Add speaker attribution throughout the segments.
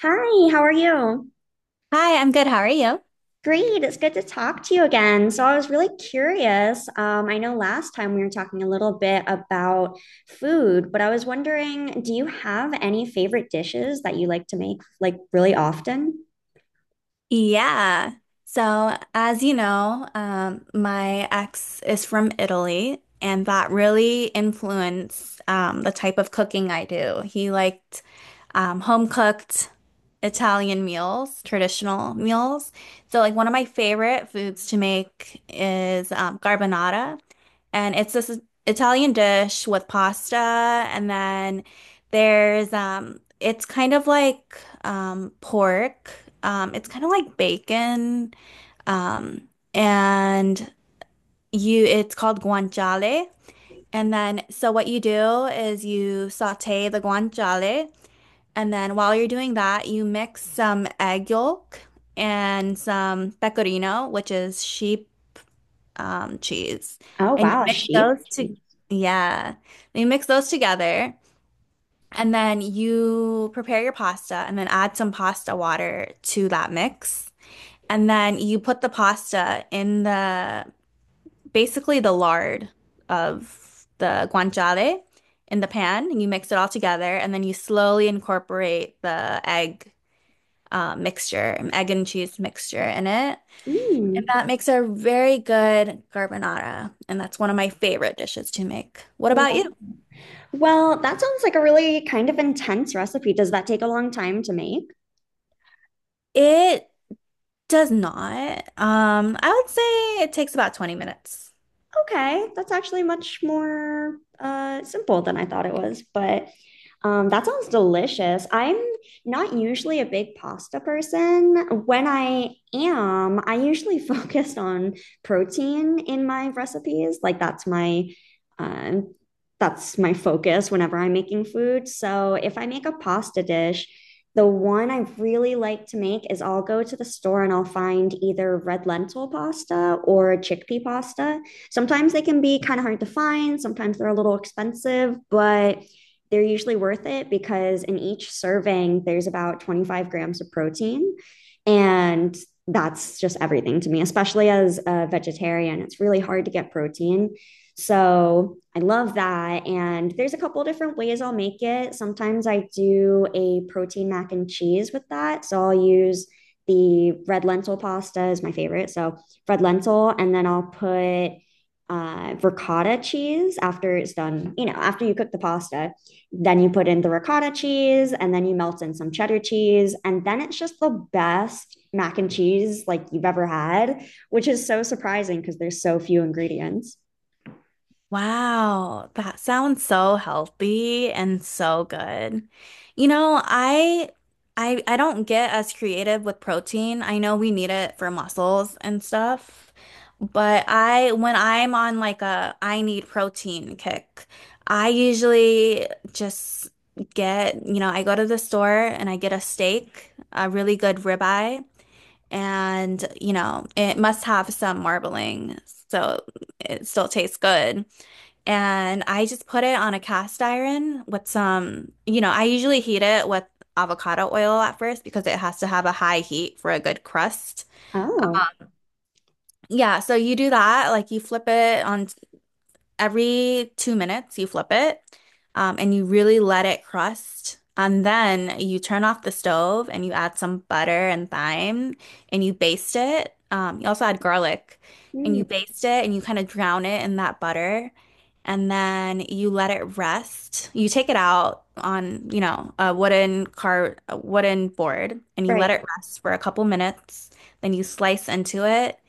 Speaker 1: Hi, how are you?
Speaker 2: Hi, I'm good. How are you?
Speaker 1: Great, it's good to talk to you again. So, I was really curious. I know last time we were talking a little bit about food, but I was wondering, do you have any favorite dishes that you like to make like really often?
Speaker 2: Yeah. So, as you know, my ex is from Italy, and that really influenced the type of cooking I do. He liked home cooked. Italian meals, traditional meals. So like one of my favorite foods to make is carbonara, and it's this Italian dish with pasta, and then there's it's kind of like pork. It's kind of like bacon, um, and you. It's called guanciale. And then, so what you do is you saute the guanciale. And then while you're doing that, you mix some egg yolk and some pecorino, which is sheep cheese.
Speaker 1: Oh,
Speaker 2: And you
Speaker 1: wow, a
Speaker 2: mix
Speaker 1: sheep.
Speaker 2: those to, yeah, you mix those together. And then you prepare your pasta and then add some pasta water to that mix. And then you put the pasta in the basically the lard of the guanciale in the pan, and you mix it all together, and then you slowly incorporate the egg egg and cheese mixture in it. And
Speaker 1: Mm.
Speaker 2: that makes a very good carbonara, and that's one of my favorite dishes to make. What about
Speaker 1: Wow.
Speaker 2: you?
Speaker 1: Well, that sounds like a really kind of intense recipe. Does that take a long time to make?
Speaker 2: It does not. I would say it takes about 20 minutes.
Speaker 1: Okay, that's actually much more simple than I thought it was. But that sounds delicious. I'm not usually a big pasta person. When I am, I usually focus on protein in my recipes. Like uh, that's my focus whenever I'm making food. So if I make a pasta dish, the one I really like to make is I'll go to the store and I'll find either red lentil pasta or chickpea pasta. Sometimes they can be kind of hard to find, sometimes they're a little expensive, but they're usually worth it because in each serving, there's about 25 grams of protein. And that's just everything to me, especially as a vegetarian. It's really hard to get protein. So I love that. And there's a couple of different ways I'll make it. Sometimes I do a protein mac and cheese with that. So I'll use the red lentil pasta is my favorite. So red lentil, and then I'll put ricotta cheese after it's done. You know, after you cook the pasta, then you put in the ricotta cheese and then you melt in some cheddar cheese. And then it's just the best mac and cheese like you've ever had, which is so surprising because there's so few ingredients.
Speaker 2: Wow, that sounds so healthy and so good. You know, I I don't get as creative with protein. I know we need it for muscles and stuff, but I when I'm on like a I need protein kick, I usually just get, you know, I go to the store and I get a steak, a really good ribeye, and you know it must have some marbling, so it still tastes good. And I just put it on a cast iron with some, you know, I usually heat it with avocado oil at first because it has to have a high heat for a good crust.
Speaker 1: Oh,
Speaker 2: Yeah, so you do that, like you flip it on every 2 minutes. You flip it and you really let it crust. And then you turn off the stove and you add some butter and thyme and you baste it. You also add garlic and you
Speaker 1: mm,
Speaker 2: baste it and you kind of drown it in that butter. And then you let it rest. You take it out on, you know, a wooden board and you let
Speaker 1: right.
Speaker 2: it rest for a couple minutes. Then you slice into it,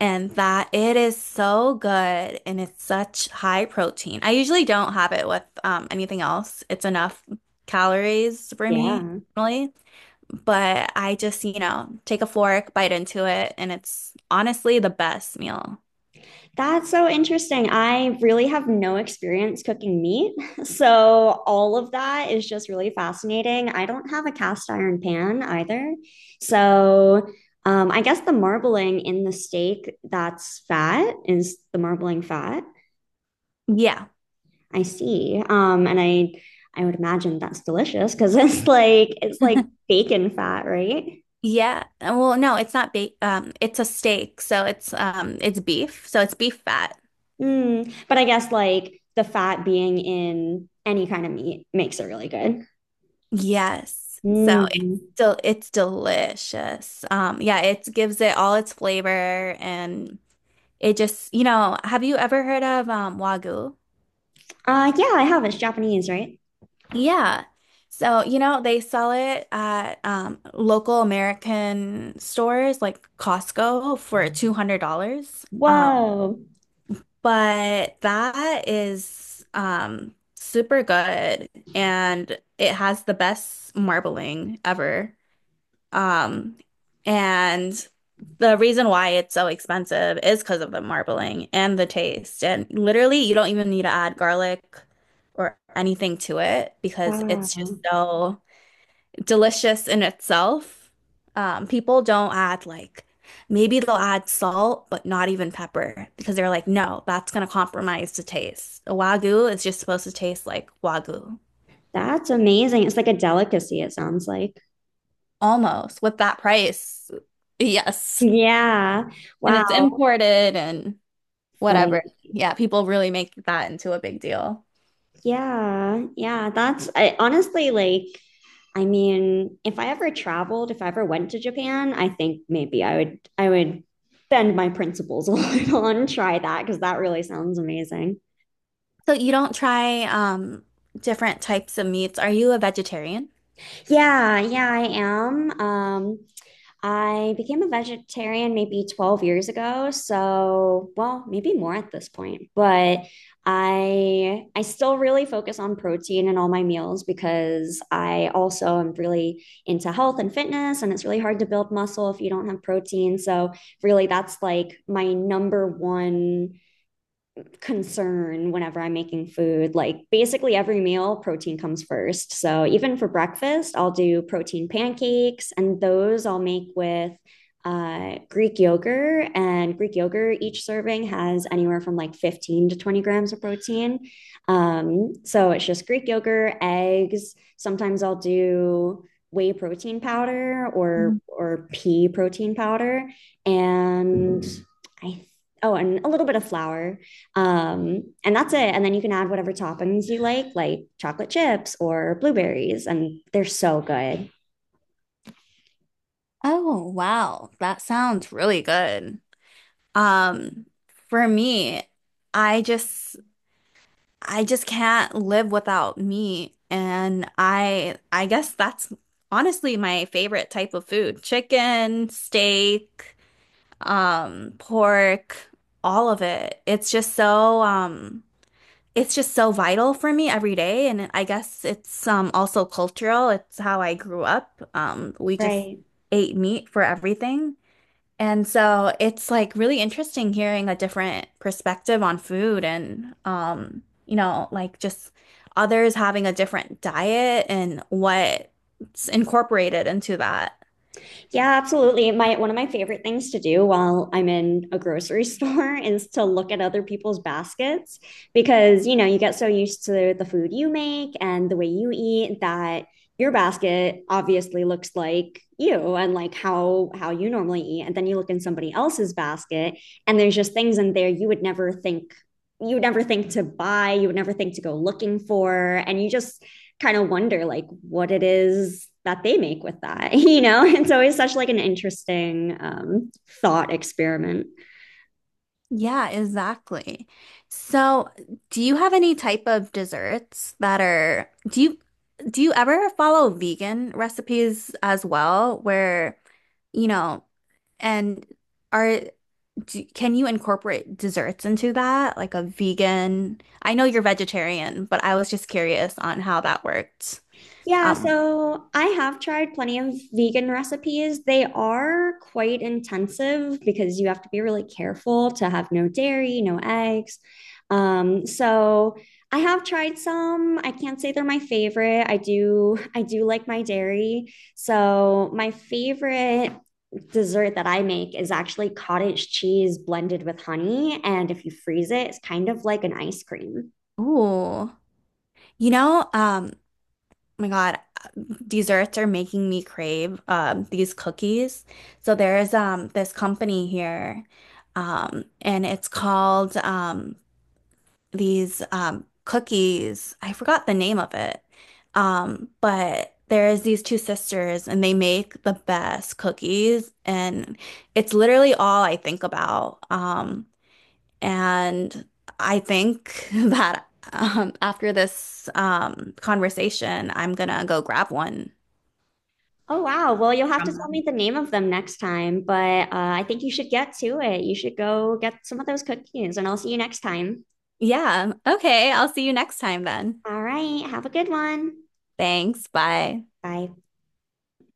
Speaker 2: and that it is so good, and it's such high protein. I usually don't have it with anything else. It's enough calories for me
Speaker 1: Yeah.
Speaker 2: normally, but I just, you know, take a fork, bite into it, and it's honestly the best meal.
Speaker 1: That's so interesting. I really have no experience cooking meat. So, all of that is just really fascinating. I don't have a cast iron pan either. So, I guess the marbling in the steak, that's fat, is the marbling fat.
Speaker 2: Yeah.
Speaker 1: I see. And I would imagine that's delicious because it's like it's like bacon fat, right?
Speaker 2: Yeah. Well, no, it's not ba it's a steak, so it's beef, so it's beef fat.
Speaker 1: Mm. But I guess like the fat being in any kind of meat makes it really good.
Speaker 2: Yes. So
Speaker 1: Mm.
Speaker 2: it's delicious. Yeah, it gives it all its flavor and it just, you know, have you ever heard of Wagyu?
Speaker 1: Yeah, I have. It's Japanese, right?
Speaker 2: Yeah. So, you know, they sell it at local American stores like Costco for $200.
Speaker 1: Whoa.
Speaker 2: But that is super good and it has the best marbling ever. Um, and the reason why it's so expensive is because of the marbling and the taste. And literally, you don't even need to add garlic or anything to it because it's just
Speaker 1: Wow.
Speaker 2: so delicious in itself. People don't add like maybe they'll add salt, but not even pepper because they're like, no, that's gonna compromise the taste. A wagyu is just supposed to taste like wagyu,
Speaker 1: That's amazing. It's like a delicacy, it sounds like.
Speaker 2: almost with that price. Yes.
Speaker 1: Yeah.
Speaker 2: And it's
Speaker 1: Wow.
Speaker 2: imported and whatever.
Speaker 1: Right.
Speaker 2: Yeah, people really make that into a big deal.
Speaker 1: Yeah. Yeah. That's, honestly, like, I mean, if I ever traveled, if I ever went to Japan, I think maybe I would bend my principles a little and try that because that really sounds amazing.
Speaker 2: So you don't try different types of meats. Are you a vegetarian?
Speaker 1: Yeah. Yeah, I am. I became a vegetarian maybe 12 years ago, so well, maybe more at this point. But I still really focus on protein in all my meals because I also am really into health and fitness and it's really hard to build muscle if you don't have protein. So really that's like my number one concern whenever I'm making food. Like basically every meal, protein comes first. So even for breakfast, I'll do protein pancakes, and those I'll make with Greek yogurt. And Greek yogurt, each serving has anywhere from like 15 to 20 grams of protein. So it's just Greek yogurt, eggs. Sometimes I'll do whey protein powder or pea protein powder and I, oh, and a little bit of flour, and that's it. And then you can add whatever toppings you like chocolate chips or blueberries, and they're so good.
Speaker 2: Oh, wow. That sounds really good. Um, for me, I just I just can't live without meat, and I guess that's honestly my favorite type of food. Chicken, steak, pork, all of it. It's just so vital for me every day. And I guess it's also cultural. It's how I grew up. We just
Speaker 1: Right.
Speaker 2: ate meat for everything. And so it's like really interesting hearing a different perspective on food, and you know, like just others having a different diet and what's incorporated into that.
Speaker 1: Yeah, absolutely. My one of my favorite things to do while I'm in a grocery store is to look at other people's baskets because, you know, you get so used to the food you make and the way you eat that your basket obviously looks like you and like how you normally eat and then you look in somebody else's basket and there's just things in there you would never think, you would never think to buy, you would never think to go looking for and you just kind of wonder like what it is that they make with that. You know, it's always such like an interesting thought experiment.
Speaker 2: Yeah, exactly. So, do you have any type of desserts that are do you ever follow vegan recipes as well where, you know, and are can you incorporate desserts into that like a vegan? I know you're vegetarian, but I was just curious on how that worked.
Speaker 1: Yeah,
Speaker 2: Um,
Speaker 1: so I have tried plenty of vegan recipes. They are quite intensive because you have to be really careful to have no dairy, no eggs. So I have tried some. I can't say they're my favorite. I do like my dairy. So my favorite dessert that I make is actually cottage cheese blended with honey, and if you freeze it, it's kind of like an ice cream.
Speaker 2: ooh. You know, oh my God, desserts are making me crave these cookies. So there's this company here, and it's called these cookies. I forgot the name of it. But there's these two sisters and they make the best cookies and it's literally all I think about. And I think that after this conversation, I'm gonna go grab one.
Speaker 1: Oh, wow. Well, you'll have to
Speaker 2: From-
Speaker 1: tell
Speaker 2: them.
Speaker 1: me the name of them next time, but I think you should get to it. You should go get some of those cookies, and I'll see you next time.
Speaker 2: Yeah. Okay. I'll see you next time then.
Speaker 1: All right. Have a good one.
Speaker 2: Thanks. Bye.
Speaker 1: Bye.